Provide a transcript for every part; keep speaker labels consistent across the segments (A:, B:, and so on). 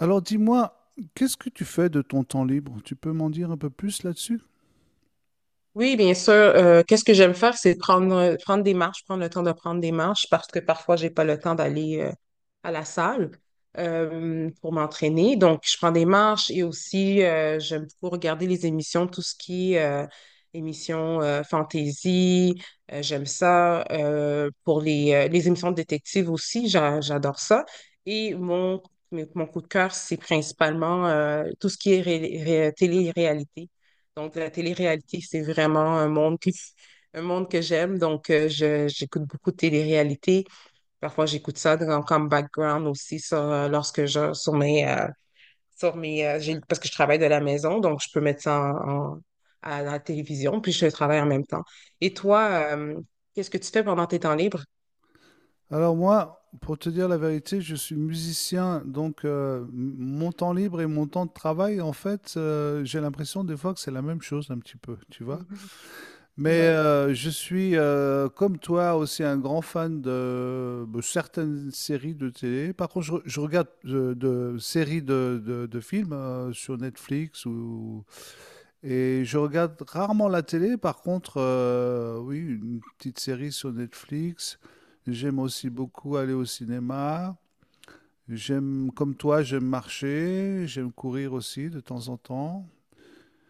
A: Alors dis-moi, qu'est-ce que tu fais de ton temps libre? Tu peux m'en dire un peu plus là-dessus?
B: Oui, bien sûr. Qu'est-ce que j'aime faire, c'est prendre, prendre des marches, prendre le temps de prendre des marches parce que parfois, j'ai pas le temps d'aller à la salle pour m'entraîner. Donc, je prends des marches et aussi, j'aime beaucoup regarder les émissions, tout ce qui est émissions fantasy, j'aime ça. Pour les émissions de détective aussi, j'adore ça. Et mon, Mon coup de cœur, c'est principalement tout ce qui est télé-réalité. Donc, la télé-réalité, c'est vraiment un monde que j'aime. Donc, j'écoute beaucoup de télé-réalité. Parfois, j'écoute ça comme background aussi parce que je travaille de la maison, donc je peux mettre ça à la télévision, puis je travaille en même temps. Et toi, qu'est-ce que tu fais pendant tes temps libres?
A: Alors moi, pour te dire la vérité, je suis musicien, donc mon temps libre et mon temps de travail, en fait, j'ai l'impression des fois que c'est la même chose un petit peu, tu vois.
B: Mhm.
A: Mais
B: Ouais.
A: je suis, comme toi, aussi un grand fan de certaines séries de télé. Par contre, je regarde de séries de films sur Netflix ou. Et je regarde rarement la télé, par contre, oui, une petite série sur Netflix. J'aime aussi
B: Mm-hmm.
A: beaucoup aller au cinéma. J'aime, comme toi, j'aime marcher, j'aime courir aussi de temps en temps.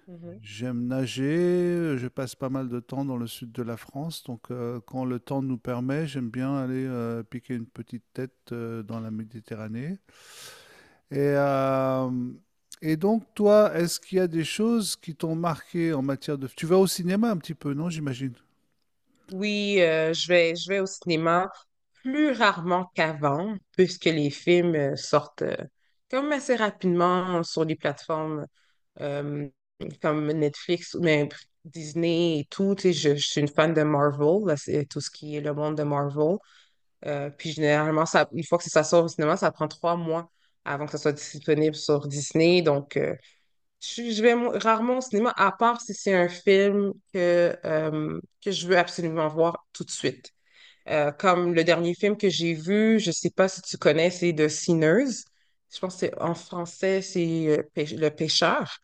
B: Mhm.
A: J'aime nager, je passe pas mal de temps dans le sud de la France, donc quand le temps nous permet, j'aime bien aller piquer une petite tête dans la Méditerranée. Et, euh, et donc, toi, est-ce qu'il y a des choses qui t'ont marqué en matière de… Tu vas au cinéma un petit peu, non, j'imagine?
B: Oui, je vais au cinéma plus rarement qu'avant, puisque les films sortent comme assez rapidement sur les plateformes euh, comme Netflix ou même Disney et tout. Tu sais, je suis une fan de Marvel, là, c'est tout ce qui est le monde de Marvel. Puis généralement, ça, une fois que ça sort au cinéma, ça prend 3 mois avant que ça soit disponible sur Disney. Donc, je vais rarement au cinéma, à part si c'est un film que je veux absolument voir tout de suite. Comme le dernier film que j'ai vu, je sais pas si tu connais, c'est The Sinners. Je pense que en français, c'est Le Pêcheur,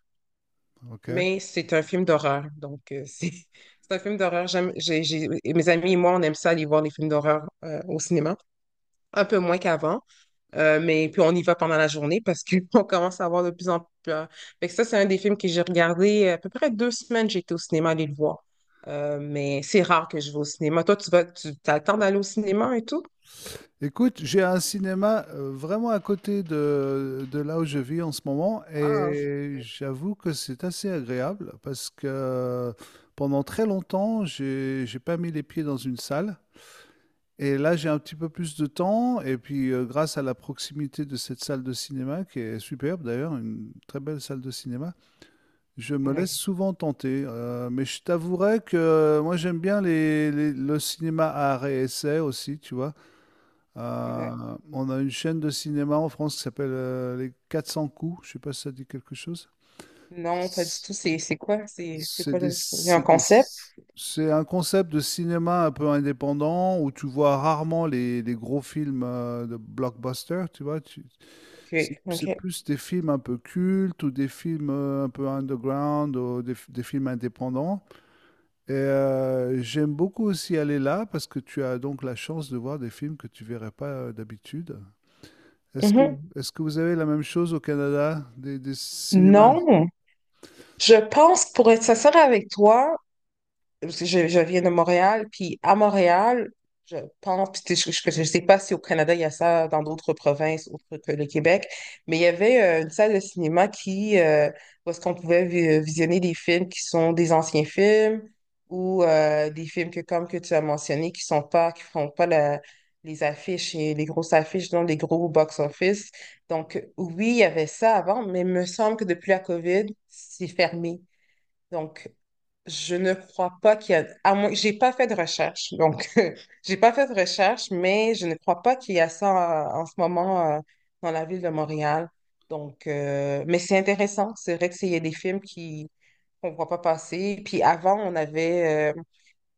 A: Ok.
B: mais c'est un film d'horreur. Donc, c'est un film d'horreur. Et mes amis et moi, on aime ça aller voir les films d'horreur au cinéma, un peu moins qu'avant. Mais puis on y va pendant la journée parce qu'on commence à avoir de plus en plus peur. Fait que ça, c'est un des films que j'ai regardé à peu près 2 semaines, j'étais au cinéma aller le voir. Mais c'est rare que je vais au cinéma. Toi, tu t'as le temps d'aller au cinéma et tout?
A: Écoute, j'ai un cinéma vraiment à côté de là où je vis en ce moment
B: Ah,
A: et j'avoue que c'est assez agréable parce que pendant très longtemps, j'ai pas mis les pieds dans une salle, et là, j'ai un petit peu plus de temps et puis grâce à la proximité de cette salle de cinéma qui est superbe d'ailleurs, une très belle salle de cinéma, je me
B: oui,
A: laisse souvent tenter, mais je t'avouerais que moi j'aime bien le cinéma à art et essai aussi, tu vois.
B: oui.
A: On a une chaîne de cinéma en France qui s'appelle Les 400 coups, je sais pas si ça dit quelque chose.
B: Non, pas du tout. C'est quoi? C'est
A: C'est
B: quoi
A: des-
B: le... Il y a un
A: c'est des-
B: concept?
A: c'est un concept de cinéma un peu indépendant où tu vois rarement les gros films de blockbuster,
B: Ok, ok.
A: c'est plus des films un peu cultes ou des films un peu underground ou des films indépendants. Et j'aime beaucoup aussi aller là parce que tu as donc la chance de voir des films que tu verrais pas d'habitude. Est-ce que,
B: Mhm.
A: est-ce que vous avez la même chose au Canada, des cinémas?
B: Non, je pense que pour être sincère avec toi, parce que je viens de Montréal, puis à Montréal, je pense, puis je sais pas si au Canada il y a ça dans d'autres provinces autres que le Québec, mais il y avait une salle de cinéma où est-ce qu'on pouvait visionner des films qui sont des anciens films ou des films que, comme que tu as mentionné, qui font pas les affiches et les grosses affiches, donc les gros box-office. Donc, oui, il y avait ça avant, mais il me semble que depuis la COVID, c'est fermé. Donc, je ne crois pas qu'il y a, à moins, j'ai pas fait de recherche, donc j'ai pas fait de recherche, mais je ne crois pas qu'il y a ça en ce moment dans la ville de Montréal. Donc, mais c'est intéressant. C'est vrai que il y a des films qui qu'on voit pas passer. Puis avant,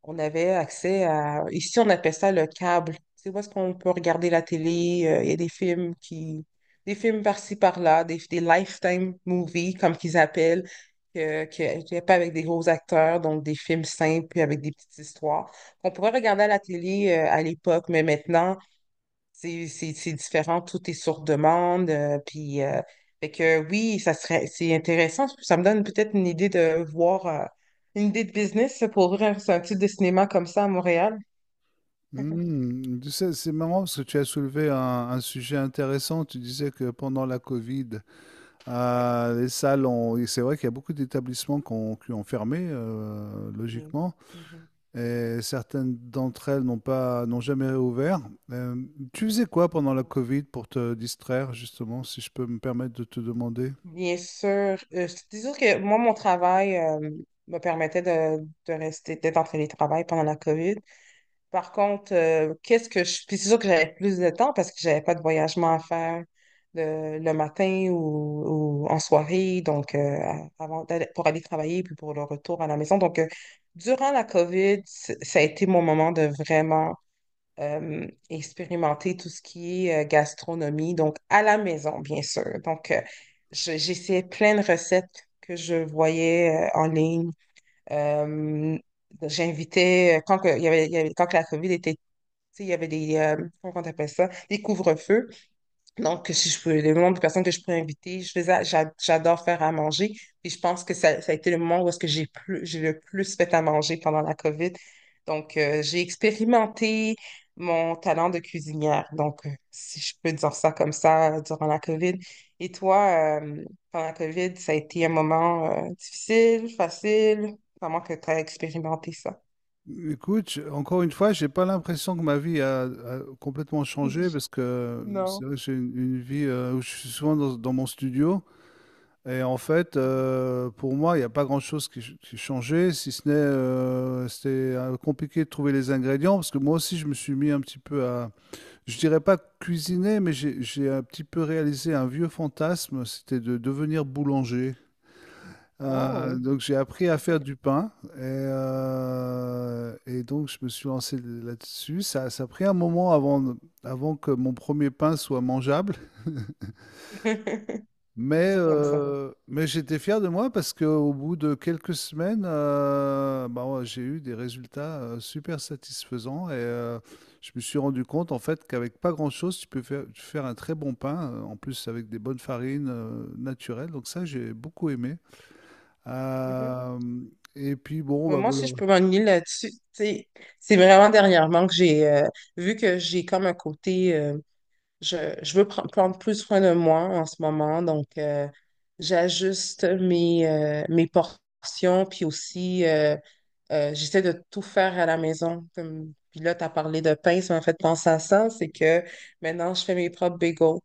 B: on avait accès à... Ici, on appelle ça le câble. C'est où est-ce qu'on peut regarder la télé. Il y a des films qui... Des films par-ci, par-là, des lifetime movies, comme qu'ils appellent, qui est pas avec des gros acteurs, donc des films simples, puis avec des petites histoires, qu'on pourrait regarder à la télé à l'époque, mais maintenant, c'est différent, tout est sur demande. Puis, fait que oui, c'est intéressant. Ça me donne peut-être une idée de business pour ouvrir un type de cinéma comme ça à Montréal.
A: Hmm, tu sais, c'est marrant parce que tu as soulevé un sujet intéressant. Tu disais que pendant la Covid,
B: Ouais.
A: les salles ont… et c'est vrai qu'il y a beaucoup d'établissements qui ont fermé,
B: Mm.
A: logiquement.
B: Mhm.
A: Et certaines d'entre elles n'ont pas, n'ont jamais réouvert. Euh, tu faisais quoi pendant la Covid pour te distraire, justement, si je peux me permettre de te demander?
B: Bien sûr. Je te dis juste que moi, mon travail me permettait de rester, d'être en télétravail pendant la COVID. Par contre, qu'est-ce que je. Puis c'est sûr que j'avais plus de temps parce que j'avais pas de voyagement à faire le matin ou en soirée, donc pour aller travailler puis pour le retour à la maison. Donc, durant la COVID, ça a été mon moment de vraiment expérimenter tout ce qui est gastronomie, donc à la maison, bien sûr. Donc, j'essayais plein de recettes que je voyais en ligne. Euh, quand que la COVID était tu sais, il y avait comment on appelle ça, des couvre-feux. Donc, si je peux, le nombre de personnes que je pourrais inviter, j'adore faire à manger. Et je pense que ça a été le moment où est-ce que j'ai le plus fait à manger pendant la COVID. Donc, j'ai expérimenté mon talent de cuisinière. Donc, si je peux dire ça comme ça durant la COVID. Et toi, pendant la COVID, ça a été un moment, difficile, facile, comment que tu as expérimenté ça?
A: Écoute, encore une fois, j'ai pas l'impression que ma vie a complètement changé parce que
B: Non.
A: c'est vrai que j'ai une vie où je suis souvent dans mon studio et en fait, pour moi, il n'y a pas grand-chose qui changeait, si ce n'est c'était compliqué de trouver les ingrédients parce que moi aussi, je me suis mis un petit peu à, je dirais pas cuisiner, mais j'ai un petit peu réalisé un vieux fantasme, c'était de devenir boulanger.
B: Oh,
A: Donc j'ai appris à faire
B: ok.
A: du pain et donc je me suis lancé là-dessus. Ça a pris un moment avant, avant que mon premier pain soit mangeable. Mais, ok.
B: Toujours comme ça.
A: Euh, mais j'étais fier de moi parce qu'au bout de quelques semaines, bah, ouais, j'ai eu des résultats super satisfaisants et je me suis rendu compte en fait qu'avec pas grand-chose, tu peux faire un très bon pain, en plus avec des bonnes farines naturelles. Donc ça, j'ai beaucoup aimé.
B: Mhm.
A: Euh, et puis bon,
B: Mais
A: bah,
B: moi
A: voilà.
B: aussi, je peux m'ennuyer là-dessus. Tu sais, c'est vraiment dernièrement que j'ai vu que j'ai comme un côté. Je veux prendre plus soin de moi en ce moment, donc j'ajuste mes portions, puis aussi j'essaie de tout faire à la maison. Comme, puis là, tu as parlé de pain, ça m'a fait penser à ça, c'est que maintenant je fais mes propres bagels.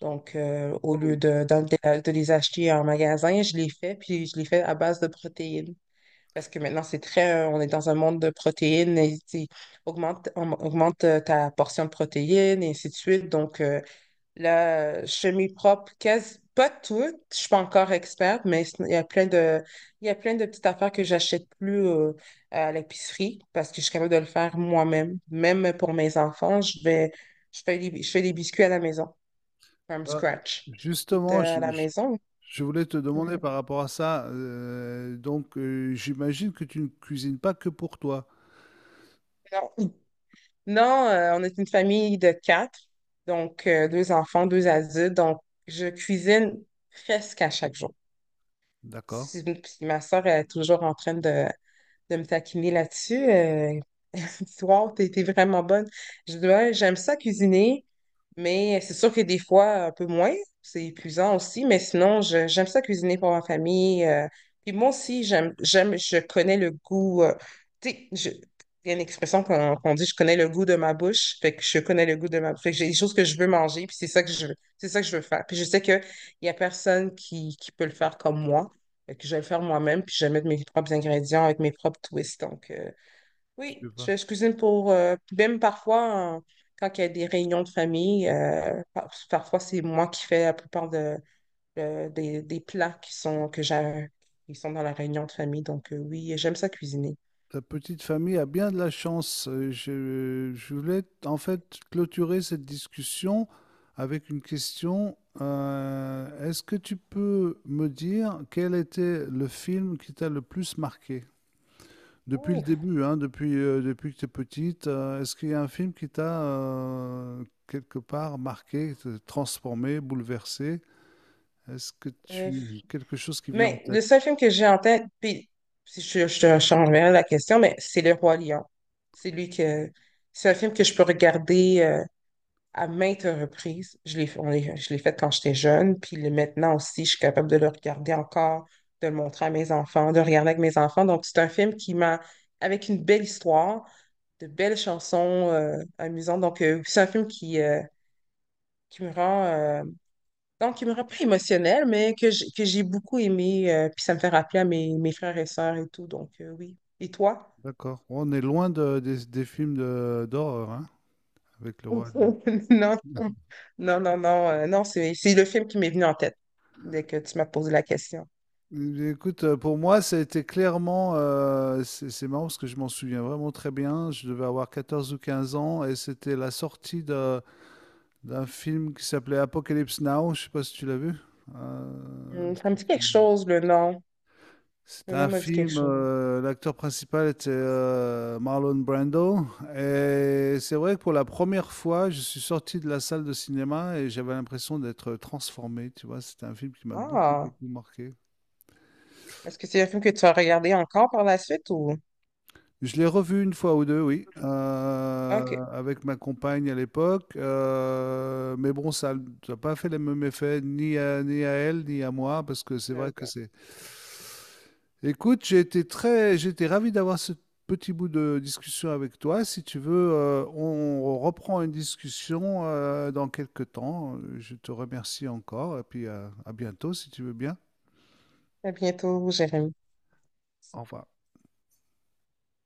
B: Donc, au lieu
A: Oh.
B: de les acheter en magasin, je les fais, puis je les fais à base de protéines. Parce que maintenant, on est dans un monde de protéines, et, tu sais, augmente ta portion de protéines, et ainsi de suite. Donc, la chemise propre quasi, pas toutes, je suis pas encore experte, mais sinon, il y a plein de petites affaires que j'achète plus à l'épicerie parce que je suis capable de le faire moi-même. Même pour mes enfants, je fais des biscuits à la maison, from
A: Ah,
B: scratch. Je fais tout
A: justement,
B: à la maison.
A: je voulais te demander
B: Mhm.
A: par rapport à ça. Euh, donc j'imagine que tu ne cuisines pas que pour toi.
B: Non, Non, on est une famille de quatre, donc deux enfants, deux adultes, donc je cuisine presque à chaque jour.
A: D'accord.
B: Si- puis Ma soeur est toujours en train de me taquiner là-dessus. Soir, t'es vraiment bonne. Je dis, Ouais, j'aime ça cuisiner, mais c'est sûr que des fois, un peu moins, c'est épuisant aussi, mais sinon, j'aime ça cuisiner pour ma famille. Puis moi aussi, je connais le goût. Tu sais, il y a une expression qu'on dit, je connais le goût de ma bouche, fait que je connais le goût de ma bouche. Fait que j'ai des choses que je veux manger, puis c'est ça que je veux, c'est ça que je veux faire. Puis je sais qu'il y a personne qui peut le faire comme moi. Fait que je vais le faire moi-même, puis je vais mettre mes propres ingrédients avec mes propres twists. Donc,
A: Je
B: oui,
A: vois.
B: je cuisine même quand il y a des réunions de famille, parfois c'est moi qui fais la plupart des plats qui sont dans la réunion de famille. Donc oui, j'aime ça cuisiner.
A: Ta petite famille a bien de la chance. Je, je voulais en fait clôturer cette discussion avec une question. Est-ce que tu peux me dire quel était le film qui t'a le plus marqué? Depuis le
B: Ouf,
A: début, hein, depuis, depuis que tu es petite, est-ce qu'il y a un film qui t'a quelque part marqué, transformé, bouleversé? Est-ce que
B: euh,
A: tu… quelque chose qui vient en
B: mais
A: tête?
B: le seul film que j'ai en tête, puis si je t'enverrai la question, mais c'est Le Roi Lion. C'est lui que, c'est un film que je peux regarder, à maintes reprises. Je l'ai fait quand j'étais jeune, puis maintenant aussi, je suis capable de le regarder encore, de le montrer à mes enfants, de le regarder avec mes enfants. Donc, c'est un film qui m'a, avec une belle histoire, de belles chansons amusantes. Donc, c'est un film qui me qui me rend pas émotionnelle, mais que j'ai beaucoup aimé, puis ça me fait rappeler à mes frères et sœurs et tout. Donc, oui. Et toi?
A: D'accord. On est loin de- des films de- d'horreur, hein, avec le roi.
B: Non, non, non, non, non, c'est le film qui m'est venu en tête dès que tu m'as posé la question.
A: Lion. Écoute, pour moi, ça a été clairement. Euh, c'est marrant parce que je m'en souviens vraiment très bien. Je devais avoir 14 ou 15 ans et c'était la sortie de- d'un film qui s'appelait Apocalypse Now. Je sais pas si tu l'as vu. Euh,
B: Hmm, ça me dit quelque chose, le nom.
A: C'est
B: Le nom
A: un
B: me dit quelque
A: film,
B: chose.
A: l'acteur principal était Marlon Brando. Et c'est vrai que pour la première fois, je suis sorti de la salle de cinéma et j'avais l'impression d'être transformé. Tu vois, c'était un film qui m'a beaucoup,
B: Ah,
A: beaucoup marqué.
B: est-ce que c'est un film que tu as regardé encore par la suite ou?
A: Je l'ai revu une fois ou deux, oui,
B: Ok.
A: avec ma compagne à l'époque. Euh, mais bon, ça n'a pas fait les mêmes effets, ni à, ni à elle, ni à moi, parce que c'est
B: Euh,
A: vrai que c'est… Écoute, j'ai été très, j'étais ravi d'avoir ce petit bout de discussion avec toi. Si tu veux, on reprend une discussion dans quelques temps. Je te remercie encore et puis à bientôt si tu veux bien.
B: À bientôt, Jérémy.
A: Au revoir.